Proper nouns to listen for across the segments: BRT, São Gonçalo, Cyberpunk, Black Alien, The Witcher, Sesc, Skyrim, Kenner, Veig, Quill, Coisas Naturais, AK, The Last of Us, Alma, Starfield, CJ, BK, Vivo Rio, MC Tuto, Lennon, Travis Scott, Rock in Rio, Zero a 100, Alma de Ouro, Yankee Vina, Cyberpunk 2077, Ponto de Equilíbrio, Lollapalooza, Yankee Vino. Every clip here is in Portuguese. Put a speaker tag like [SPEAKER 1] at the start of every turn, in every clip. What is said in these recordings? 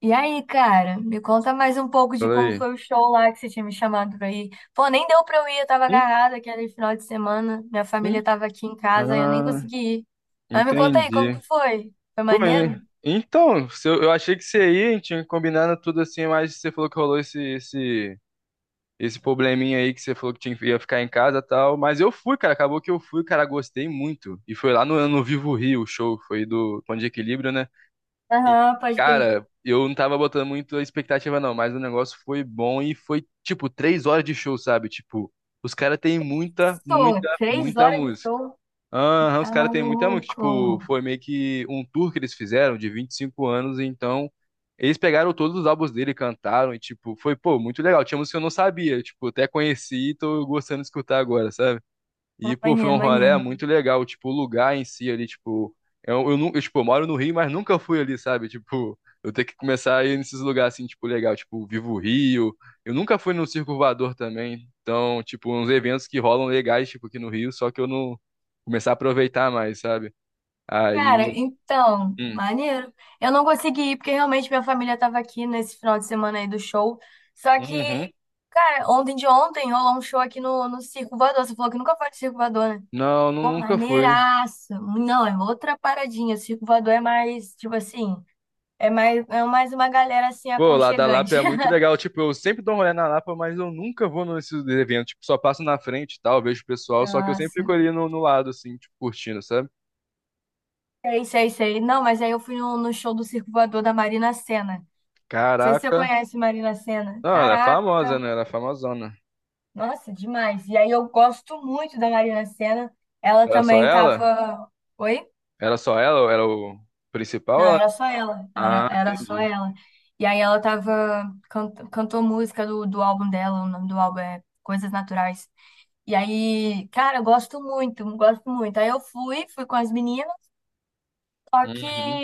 [SPEAKER 1] E aí, cara, me conta mais um pouco de
[SPEAKER 2] Fala
[SPEAKER 1] como
[SPEAKER 2] aí.
[SPEAKER 1] foi o show lá que você tinha me chamado pra ir. Pô, nem deu pra eu ir, eu tava
[SPEAKER 2] Hum?
[SPEAKER 1] agarrada aquele final de semana, minha
[SPEAKER 2] Hum?
[SPEAKER 1] família tava aqui em casa e eu nem
[SPEAKER 2] Ah,
[SPEAKER 1] consegui ir. Mas me conta aí, como que
[SPEAKER 2] entendi.
[SPEAKER 1] foi? Foi
[SPEAKER 2] Pô,
[SPEAKER 1] maneiro?
[SPEAKER 2] hein? Então, se eu achei que você ia, tinha combinado tudo assim, mas você falou que rolou esse probleminha aí que você falou que tinha, que ia ficar em casa e tal. Mas eu fui, cara. Acabou que eu fui, cara. Gostei muito. E foi lá no Vivo Rio, o show. Foi do Ponto de Equilíbrio, né? E,
[SPEAKER 1] Aham, pode crer.
[SPEAKER 2] cara, eu não tava botando muito expectativa, não. Mas o negócio foi bom e foi, tipo, três horas de show, sabe? Tipo, os caras têm muita,
[SPEAKER 1] Sou,
[SPEAKER 2] muita,
[SPEAKER 1] três
[SPEAKER 2] muita
[SPEAKER 1] horas de
[SPEAKER 2] música.
[SPEAKER 1] show.
[SPEAKER 2] Aham, os
[SPEAKER 1] Tá
[SPEAKER 2] caras têm muita música tipo,
[SPEAKER 1] maluco.
[SPEAKER 2] foi meio que um tour que eles fizeram de 25 anos, então eles pegaram todos os álbuns dele, cantaram, e, tipo, foi, pô, muito legal. Tinha música que eu não sabia, tipo, até conheci e tô gostando de escutar agora, e,
[SPEAKER 1] Tá
[SPEAKER 2] pô, foi
[SPEAKER 1] maneiro,
[SPEAKER 2] um rolê
[SPEAKER 1] maneiro.
[SPEAKER 2] muito legal. Tipo, o lugar em si ali, tipo. Eu, tipo, eu moro no Rio, mas nunca fui ali, sabe? Tipo, eu tenho que começar a ir nesses lugares assim, tipo, legal. Tipo, Vivo o Rio. Eu nunca fui no Circo Voador também. Então, tipo, uns eventos que rolam legais, tipo, aqui no Rio, só que eu não começar a aproveitar mais, sabe?
[SPEAKER 1] Cara,
[SPEAKER 2] Aí.
[SPEAKER 1] então,
[SPEAKER 2] hum,
[SPEAKER 1] maneiro. Eu não consegui ir porque realmente minha família tava aqui nesse final de semana aí do show. Só que,
[SPEAKER 2] uhum.
[SPEAKER 1] cara, ontem de ontem rolou um show aqui no Circo Voador. Você falou que nunca foi de Circo Voador, né?
[SPEAKER 2] Não,
[SPEAKER 1] Pô,
[SPEAKER 2] nunca fui.
[SPEAKER 1] maneiraço. Não, é outra paradinha. O Circo Voador é mais, tipo assim, é mais uma galera assim
[SPEAKER 2] Pô, lá da Lapa
[SPEAKER 1] aconchegante.
[SPEAKER 2] é muito legal. Tipo, eu sempre dou um rolê na Lapa, mas eu nunca vou nesses eventos. Tipo, só passo na frente e tal, vejo o pessoal. Só que eu sempre fico
[SPEAKER 1] Nossa.
[SPEAKER 2] ali no lado, assim, tipo, curtindo, sabe?
[SPEAKER 1] Sei, sei, sei. Não, mas aí eu fui no show do Circo Voador da Marina Sena. Não sei se você
[SPEAKER 2] Caraca.
[SPEAKER 1] conhece Marina Sena.
[SPEAKER 2] Não, ela é
[SPEAKER 1] Caraca.
[SPEAKER 2] famosa, né? Ela é famosona.
[SPEAKER 1] Nossa, demais. E aí eu gosto muito da Marina Sena. Ela
[SPEAKER 2] Era só
[SPEAKER 1] também
[SPEAKER 2] ela?
[SPEAKER 1] tava. Oi?
[SPEAKER 2] Era só ela? Ou era o principal?
[SPEAKER 1] Não,
[SPEAKER 2] Ela...
[SPEAKER 1] era só ela. Era,
[SPEAKER 2] Ah,
[SPEAKER 1] era só
[SPEAKER 2] entendi.
[SPEAKER 1] ela. E aí ela tava. Cantou música do álbum dela. O nome do álbum é Coisas Naturais. E aí, cara, eu gosto muito, gosto muito. Aí eu fui, com as meninas, só que
[SPEAKER 2] Uhum.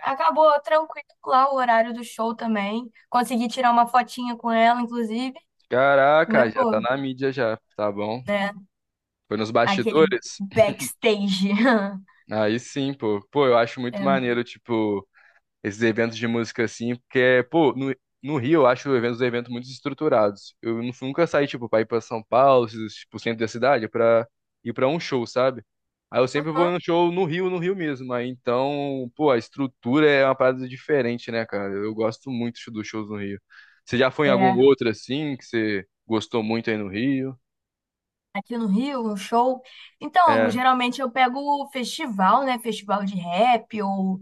[SPEAKER 1] acabou tranquilo lá o horário do show também. Consegui tirar uma fotinha com ela, inclusive.
[SPEAKER 2] Caraca,
[SPEAKER 1] Mas,
[SPEAKER 2] já tá
[SPEAKER 1] pô,
[SPEAKER 2] na mídia já, tá bom?
[SPEAKER 1] né?
[SPEAKER 2] Foi nos
[SPEAKER 1] Aquele
[SPEAKER 2] bastidores?
[SPEAKER 1] backstage.
[SPEAKER 2] Aí sim, pô. Pô, eu acho muito
[SPEAKER 1] É
[SPEAKER 2] maneiro, tipo. Esses eventos de música assim, porque, pô, no Rio eu acho os eventos muito estruturados. Eu nunca saí, tipo, pra ir pra São Paulo, esses, tipo, centro da cidade, pra ir pra um show, sabe? Aí eu sempre vou no show no Rio, no Rio mesmo. Aí então, pô, a estrutura é uma parada diferente, né, cara? Eu gosto muito dos shows no Rio. Você já foi em algum
[SPEAKER 1] É,
[SPEAKER 2] outro assim, que você gostou muito aí no Rio?
[SPEAKER 1] aqui no Rio, um show. Então,
[SPEAKER 2] É.
[SPEAKER 1] geralmente eu pego o festival, né? Festival de rap ou,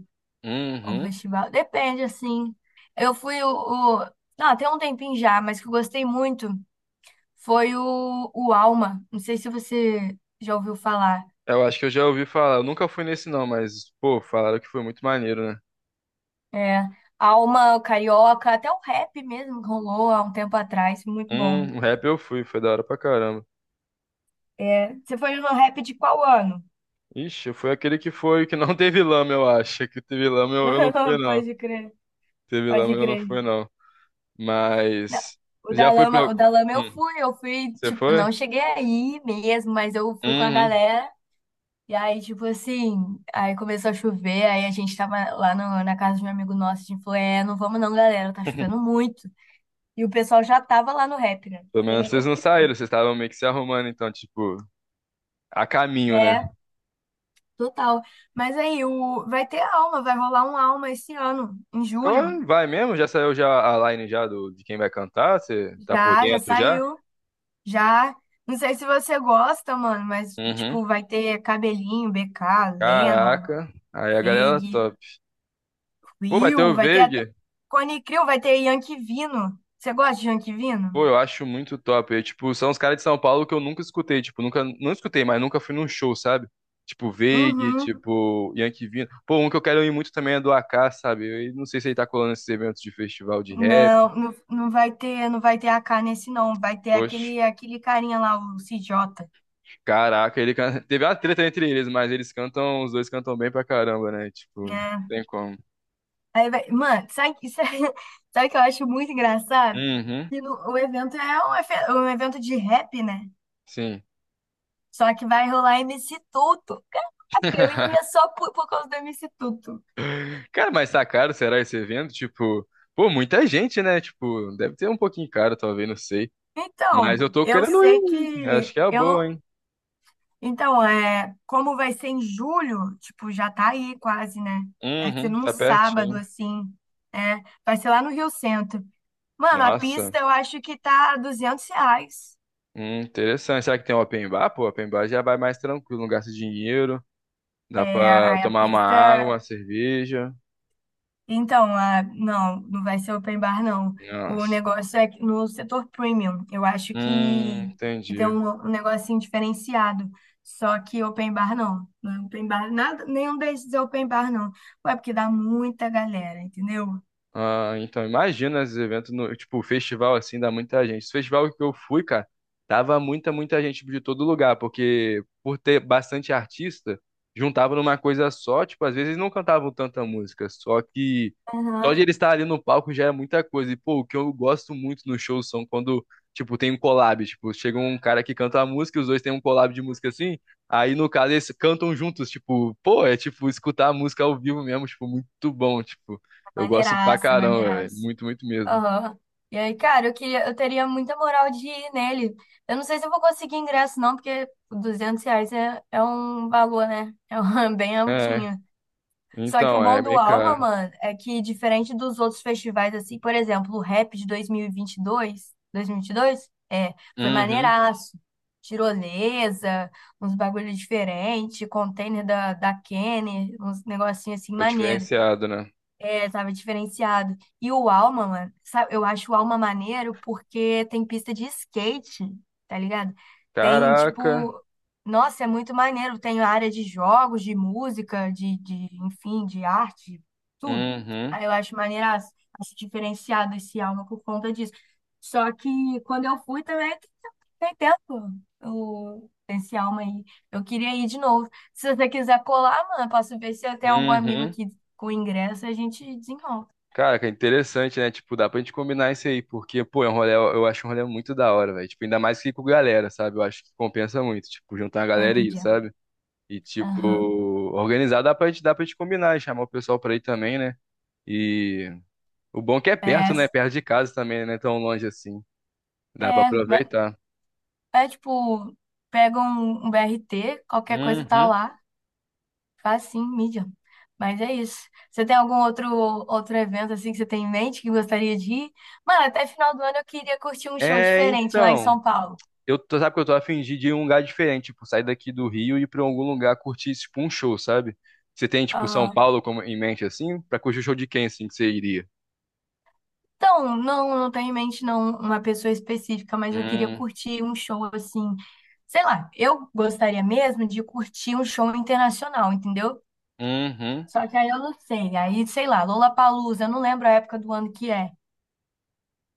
[SPEAKER 1] ou
[SPEAKER 2] Uhum.
[SPEAKER 1] festival. Depende, assim. Eu fui o. Ah, tem um tempinho já, mas que eu gostei muito foi o Alma. Não sei se você já ouviu falar.
[SPEAKER 2] Eu acho que eu já ouvi falar. Eu nunca fui nesse não, mas, pô, falaram que foi muito maneiro, né?
[SPEAKER 1] É, Alma, o Carioca, até o rap mesmo rolou há um tempo atrás. Muito bom.
[SPEAKER 2] O rap eu fui, foi da hora pra caramba.
[SPEAKER 1] É, você foi no rap de qual ano?
[SPEAKER 2] Ixi, eu fui aquele que foi, que não teve lama, eu acho. Que teve lama eu não fui, não.
[SPEAKER 1] Pode crer,
[SPEAKER 2] Teve lama
[SPEAKER 1] pode
[SPEAKER 2] eu não fui,
[SPEAKER 1] crer.
[SPEAKER 2] não.
[SPEAKER 1] Não,
[SPEAKER 2] Mas já fui pra.
[SPEAKER 1] o da lama eu
[SPEAKER 2] Hum,
[SPEAKER 1] fui, eu fui,
[SPEAKER 2] você
[SPEAKER 1] tipo,
[SPEAKER 2] foi?
[SPEAKER 1] não cheguei aí mesmo, mas eu fui com a
[SPEAKER 2] Uhum.
[SPEAKER 1] galera. E aí, tipo assim, aí começou a chover, aí a gente tava lá na casa de um amigo nosso, a gente falou, é, não vamos não, galera, tá chovendo muito. E o pessoal já tava lá no rap, né? Não
[SPEAKER 2] Pelo
[SPEAKER 1] sei
[SPEAKER 2] menos
[SPEAKER 1] nem como
[SPEAKER 2] vocês não
[SPEAKER 1] que foi.
[SPEAKER 2] saíram, vocês estavam meio que se arrumando, então, tipo, a caminho, né?
[SPEAKER 1] É, total. Mas aí, vai ter Alma, vai rolar um Alma esse ano, em julho.
[SPEAKER 2] Então, vai mesmo? Já saiu já a line já do, de quem vai cantar? Você tá por
[SPEAKER 1] Já, já
[SPEAKER 2] dentro já?
[SPEAKER 1] saiu, já. Não sei se você gosta, mano, mas,
[SPEAKER 2] Uhum.
[SPEAKER 1] tipo, vai ter cabelinho, BK, Lennon.
[SPEAKER 2] Caraca. Aí a galera
[SPEAKER 1] Veig,
[SPEAKER 2] top. Pô, vai ter
[SPEAKER 1] Quill,
[SPEAKER 2] o
[SPEAKER 1] vai ter até.
[SPEAKER 2] Veig.
[SPEAKER 1] Cone Crew vai ter Yankee Vino. Você gosta de Yankee Vino?
[SPEAKER 2] Pô, eu acho muito top. Eu, tipo, são os caras de São Paulo que eu nunca escutei, tipo, nunca, não escutei, mas nunca fui num show, sabe? Tipo, Veig,
[SPEAKER 1] Uhum.
[SPEAKER 2] tipo, Yankee Vina. Pô, um que eu quero ir muito também é do AK, sabe? Eu não sei se ele tá colando esses eventos de festival de rap.
[SPEAKER 1] Não, não, não vai ter AK nesse não, vai ter
[SPEAKER 2] Poxa,
[SPEAKER 1] aquele carinha lá, o CJ,
[SPEAKER 2] caraca, ele canta... teve uma treta entre eles, mas eles cantam, os dois cantam bem pra caramba, né? Tipo,
[SPEAKER 1] né?
[SPEAKER 2] tem como.
[SPEAKER 1] Aí vai, mano, sabe, sabe o que eu acho muito engraçado?
[SPEAKER 2] Uhum,
[SPEAKER 1] Que o evento é um evento de rap, né?
[SPEAKER 2] sim.
[SPEAKER 1] Só que vai rolar MC Tuto. Caraca, eu iria só por, causa do MC Tuto.
[SPEAKER 2] Cara, mas tá caro, será esse evento? Tipo, pô, muita gente, né? Tipo, deve ter um pouquinho caro, talvez, não sei. Mas
[SPEAKER 1] Então,
[SPEAKER 2] eu tô
[SPEAKER 1] eu
[SPEAKER 2] querendo
[SPEAKER 1] sei
[SPEAKER 2] ir. Acho
[SPEAKER 1] que
[SPEAKER 2] que é a
[SPEAKER 1] eu
[SPEAKER 2] boa,
[SPEAKER 1] não
[SPEAKER 2] hein?
[SPEAKER 1] Então, é, como vai ser em julho, tipo, já tá aí quase, né? Vai ser
[SPEAKER 2] Uhum,
[SPEAKER 1] num
[SPEAKER 2] tá
[SPEAKER 1] sábado,
[SPEAKER 2] pertinho.
[SPEAKER 1] assim, né? Vai ser lá no Rio Centro. Mano, a
[SPEAKER 2] Nossa,
[SPEAKER 1] pista eu acho que tá R$ 200.
[SPEAKER 2] interessante. Será que tem open bar? Pô, open bar já vai mais tranquilo, não gasta dinheiro.
[SPEAKER 1] É,
[SPEAKER 2] Dá pra
[SPEAKER 1] aí a
[SPEAKER 2] tomar uma água,
[SPEAKER 1] pista.
[SPEAKER 2] uma cerveja.
[SPEAKER 1] Então, não, não vai ser open bar, não. O
[SPEAKER 2] Nossa.
[SPEAKER 1] negócio é que no setor premium. Eu acho que tem
[SPEAKER 2] Entendi.
[SPEAKER 1] um negocinho diferenciado. Só que open bar, não. Não é open bar, nada, nenhum desses é open bar, não. Ué, porque dá muita galera, entendeu?
[SPEAKER 2] Ah, então imagina esses eventos no, tipo, festival assim, dá muita gente. Esse festival que eu fui, cara, tava muita, muita gente de todo lugar, porque por ter bastante artista, juntava numa coisa só, tipo, às vezes não cantavam tanta música, só que só de
[SPEAKER 1] Aham.
[SPEAKER 2] ele estar ali no palco já é muita coisa. E pô, o que eu gosto muito nos shows são quando, tipo, tem um collab, tipo, chega um cara que canta a música, e os dois têm um collab de música assim, aí no caso eles cantam juntos, tipo, pô, é tipo escutar a música ao vivo mesmo, tipo, muito bom, tipo. Eu gosto pra
[SPEAKER 1] Maneiraça,
[SPEAKER 2] caramba, velho.
[SPEAKER 1] maneiraça.
[SPEAKER 2] Muito, muito mesmo.
[SPEAKER 1] Aham. E aí, cara, eu queria, eu teria muita moral de ir nele. Eu não sei se eu vou conseguir ingresso, não, porque R$ 200 é um valor, né? É um, bem
[SPEAKER 2] É,
[SPEAKER 1] altinho. Só que o
[SPEAKER 2] então,
[SPEAKER 1] bom
[SPEAKER 2] é
[SPEAKER 1] do
[SPEAKER 2] meio
[SPEAKER 1] Alma,
[SPEAKER 2] caro.
[SPEAKER 1] mano, é que diferente dos outros festivais, assim, por exemplo, o Rap de dois mil mil e vinte 2022, dois é, foi
[SPEAKER 2] Uhum.
[SPEAKER 1] maneiraço. Tirolesa, uns bagulho diferente, container da Kenner, uns negocinhos assim
[SPEAKER 2] Ficou
[SPEAKER 1] maneiro.
[SPEAKER 2] diferenciado, né?
[SPEAKER 1] É, tava diferenciado. E o Alma, mano, sabe, eu acho o Alma maneiro porque tem pista de skate, tá ligado? Tem,
[SPEAKER 2] Caraca.
[SPEAKER 1] tipo, nossa, é muito maneiro. Tem área de jogos, de música, de enfim, de arte, tudo.
[SPEAKER 2] Uhum.
[SPEAKER 1] Aí eu acho maneiraço, acho diferenciado esse Alma por conta disso. Só que quando eu fui também, tem tempo esse Alma aí. Eu queria ir de novo. Se você quiser colar, mano, posso ver se eu tenho algum amigo
[SPEAKER 2] Uhum.
[SPEAKER 1] aqui com ingresso a gente desenrola.
[SPEAKER 2] Cara, que interessante, né? Tipo, dá pra gente combinar isso aí, porque, pô, é um rolê, eu acho um rolê muito da hora, velho. Tipo, ainda mais que ir com galera, sabe? Eu acho que compensa muito, tipo, juntar a
[SPEAKER 1] É a
[SPEAKER 2] galera e ir,
[SPEAKER 1] mídia.
[SPEAKER 2] sabe? E, tipo,
[SPEAKER 1] Aham.
[SPEAKER 2] organizar dá pra gente combinar e chamar o pessoal pra ir também, né? E o bom é que é
[SPEAKER 1] É,
[SPEAKER 2] perto, né? Perto de casa também, né? Tão longe assim. Dá pra
[SPEAKER 1] é, vai-
[SPEAKER 2] aproveitar.
[SPEAKER 1] tipo, pega um, BRT, qualquer coisa tá
[SPEAKER 2] Uhum.
[SPEAKER 1] lá, faz sim, mídia. Mas é isso. Você tem algum outro evento assim que você tem em mente que gostaria de ir? Mano, até final do ano eu queria curtir um show
[SPEAKER 2] É,
[SPEAKER 1] diferente lá em
[SPEAKER 2] então,
[SPEAKER 1] São Paulo.
[SPEAKER 2] eu tô, sabe que eu tô a fim de ir em um lugar diferente, tipo, sair daqui do Rio e ir pra algum lugar curtir, tipo, um show, sabe? Você tem, tipo, São
[SPEAKER 1] ah
[SPEAKER 2] Paulo como, em mente, assim? Pra curtir o show de quem, assim, que você iria?
[SPEAKER 1] Então, não, não tenho em mente não uma pessoa específica, mas eu queria
[SPEAKER 2] Hum,
[SPEAKER 1] curtir um show assim. Sei lá, eu gostaria mesmo de curtir um show internacional, entendeu?
[SPEAKER 2] uhum,
[SPEAKER 1] Só que aí eu não sei. Aí, sei lá, Lollapalooza, eu não lembro a época do ano que é.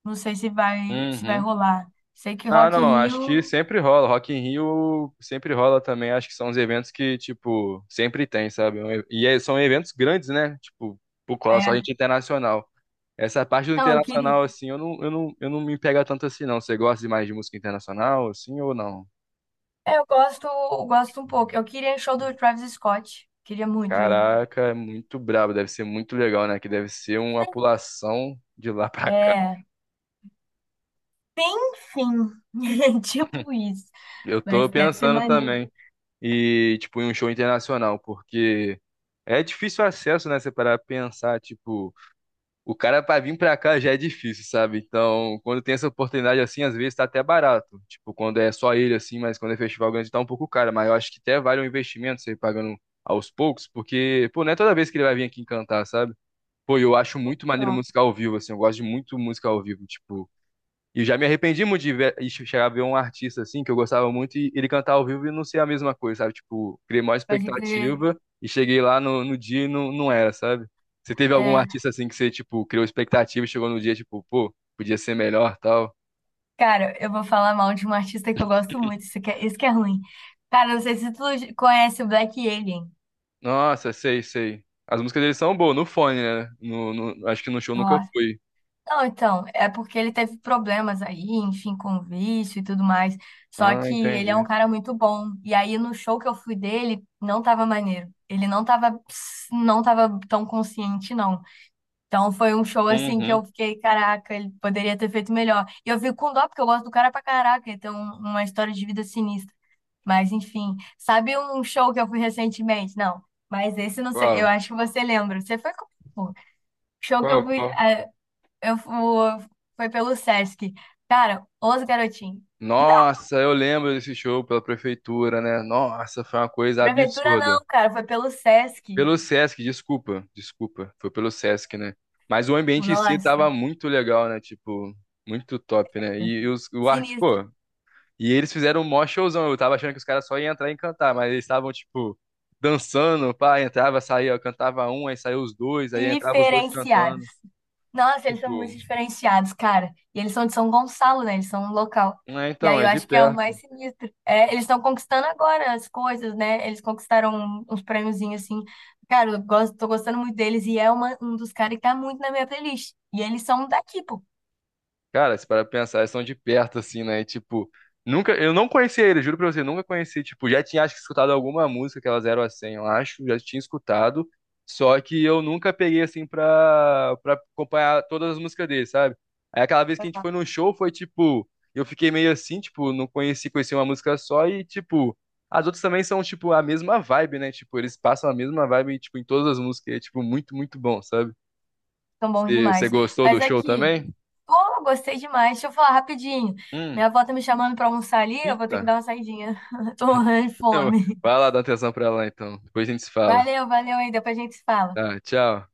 [SPEAKER 1] Não sei se vai
[SPEAKER 2] uhum.
[SPEAKER 1] rolar. Sei que
[SPEAKER 2] Ah,
[SPEAKER 1] Rock
[SPEAKER 2] não,
[SPEAKER 1] in
[SPEAKER 2] acho que
[SPEAKER 1] Rio
[SPEAKER 2] sempre rola. Rock in Rio sempre rola também. Acho que são os eventos que, tipo, sempre tem, sabe? É um e- e é- são eventos grandes, né? Tipo, por cola só
[SPEAKER 1] é.
[SPEAKER 2] gente internacional. Essa parte do
[SPEAKER 1] Então, eu queria.
[SPEAKER 2] internacional, assim, eu não me pega tanto assim, não. Você gosta de mais de música internacional, assim, ou não?
[SPEAKER 1] É, eu gosto um pouco. Eu queria show do Travis Scott. Queria muito ir.
[SPEAKER 2] Caraca, é muito brabo, deve ser muito legal, né? Que deve ser uma pulação de lá pra cá.
[SPEAKER 1] É. Enfim, tipo isso.
[SPEAKER 2] Eu tô
[SPEAKER 1] Mas deve ser
[SPEAKER 2] pensando
[SPEAKER 1] maneiro.
[SPEAKER 2] também. E, tipo, em um show internacional, porque é difícil o acesso, né? Você parar pra pensar, tipo, o cara pra vir pra cá já é difícil, sabe? Então, quando tem essa oportunidade assim, às vezes tá até barato. Tipo, quando é só ele assim, mas quando é festival grande tá um pouco caro. Mas eu acho que até vale um investimento você ir pagando aos poucos, porque, pô, não é toda vez que ele vai vir aqui cantar, sabe? Pô, eu acho muito maneiro
[SPEAKER 1] Então,
[SPEAKER 2] música ao vivo, assim, eu gosto de muito música ao vivo, tipo. E eu já me arrependi muito de ver, e chegar a ver um artista, assim, que eu gostava muito, e ele cantar ao vivo e não ser a mesma coisa, sabe? Tipo, criei maior
[SPEAKER 1] pode crer.
[SPEAKER 2] expectativa e cheguei lá no dia e não, não era, sabe? Você teve algum
[SPEAKER 1] É,
[SPEAKER 2] artista, assim, que você, tipo, criou expectativa e chegou no dia, tipo, pô, podia ser melhor, tal?
[SPEAKER 1] cara, eu vou falar mal de um artista que eu gosto muito. Isso que é ruim. Cara, não sei se tu conhece o Black Alien.
[SPEAKER 2] Nossa, sei, sei. As músicas deles são boas, no fone, né? No, acho que no show
[SPEAKER 1] Ó.
[SPEAKER 2] nunca fui.
[SPEAKER 1] Não, então, é porque ele teve problemas aí, enfim, com vício e tudo mais. Só
[SPEAKER 2] Ah,
[SPEAKER 1] que ele é um
[SPEAKER 2] entendi.
[SPEAKER 1] cara muito bom. E aí no show que eu fui dele, não tava maneiro. Ele não tava tão consciente, não. Então foi um show assim que
[SPEAKER 2] Uhum.
[SPEAKER 1] eu fiquei, caraca, ele poderia ter feito melhor. E eu fico com dó, porque eu gosto do cara pra caraca, ele tem uma história de vida sinistra. Mas enfim, sabe um show que eu fui recentemente? Não, mas esse não sei, eu
[SPEAKER 2] Qual?
[SPEAKER 1] acho que você lembra. Você foi com. Show que eu
[SPEAKER 2] Qual,
[SPEAKER 1] fui.
[SPEAKER 2] qual?
[SPEAKER 1] Eu fu- foi pelo Sesc. Cara, os garotinhos. Não,
[SPEAKER 2] Nossa, eu lembro desse show pela prefeitura, né? Nossa, foi uma coisa
[SPEAKER 1] prefeitura não,
[SPEAKER 2] absurda.
[SPEAKER 1] cara, foi pelo Sesc.
[SPEAKER 2] Pelo Sesc, desculpa, desculpa, foi pelo Sesc, né? Mas o ambiente em si
[SPEAKER 1] Nossa,
[SPEAKER 2] tava muito legal, né? Tipo, muito top, né? E os, o arte,
[SPEAKER 1] sinistro.
[SPEAKER 2] pô. E eles fizeram um mó showzão. Eu tava achando que os caras só iam entrar e cantar, mas eles estavam, tipo, dançando, pá, entrava, saía, cantava um, aí saiu os dois, aí entrava os dois
[SPEAKER 1] Diferenciados.
[SPEAKER 2] cantando.
[SPEAKER 1] Nossa, eles são
[SPEAKER 2] Tipo,
[SPEAKER 1] muito diferenciados, cara. E eles são de São Gonçalo, né? Eles são um local.
[SPEAKER 2] é,
[SPEAKER 1] E
[SPEAKER 2] então,
[SPEAKER 1] aí
[SPEAKER 2] é
[SPEAKER 1] eu
[SPEAKER 2] de
[SPEAKER 1] acho que é o mais
[SPEAKER 2] perto.
[SPEAKER 1] sinistro. É, eles estão conquistando agora as coisas, né? Eles conquistaram uns prêmiozinhos assim. Cara, tô gostando muito deles e é um dos caras que tá muito na minha playlist. E eles são daqui, pô.
[SPEAKER 2] Cara, se para pensar, eles são de perto, assim, né? E, tipo, nunca. Eu não conhecia ele. Juro pra você, nunca conheci. Tipo, já tinha, acho que, escutado alguma música, que aquela Zero a 100, eu acho, já tinha escutado. Só que eu nunca peguei, assim, pra acompanhar todas as músicas dele, sabe? Aí aquela vez que a gente foi num show, foi tipo. Eu fiquei meio assim, tipo, não conheci, conheci uma música só e, tipo. As outras também são, tipo, a mesma vibe, né? Tipo, eles passam a mesma vibe, tipo, em todas as músicas. E é, tipo, muito, muito bom, sabe?
[SPEAKER 1] São bons
[SPEAKER 2] Você
[SPEAKER 1] demais.
[SPEAKER 2] gostou do
[SPEAKER 1] Mas
[SPEAKER 2] show
[SPEAKER 1] aqui.
[SPEAKER 2] também?
[SPEAKER 1] Pô, gostei demais. Deixa eu falar rapidinho.
[SPEAKER 2] Hum.
[SPEAKER 1] Minha avó tá me chamando pra almoçar ali, eu vou ter que
[SPEAKER 2] Eita.
[SPEAKER 1] dar uma saidinha. Tô morrendo de
[SPEAKER 2] Então,
[SPEAKER 1] fome.
[SPEAKER 2] vai lá dar atenção pra ela então. Depois a gente se fala.
[SPEAKER 1] Valeu, valeu aí, depois a gente se fala.
[SPEAKER 2] Tá, tchau.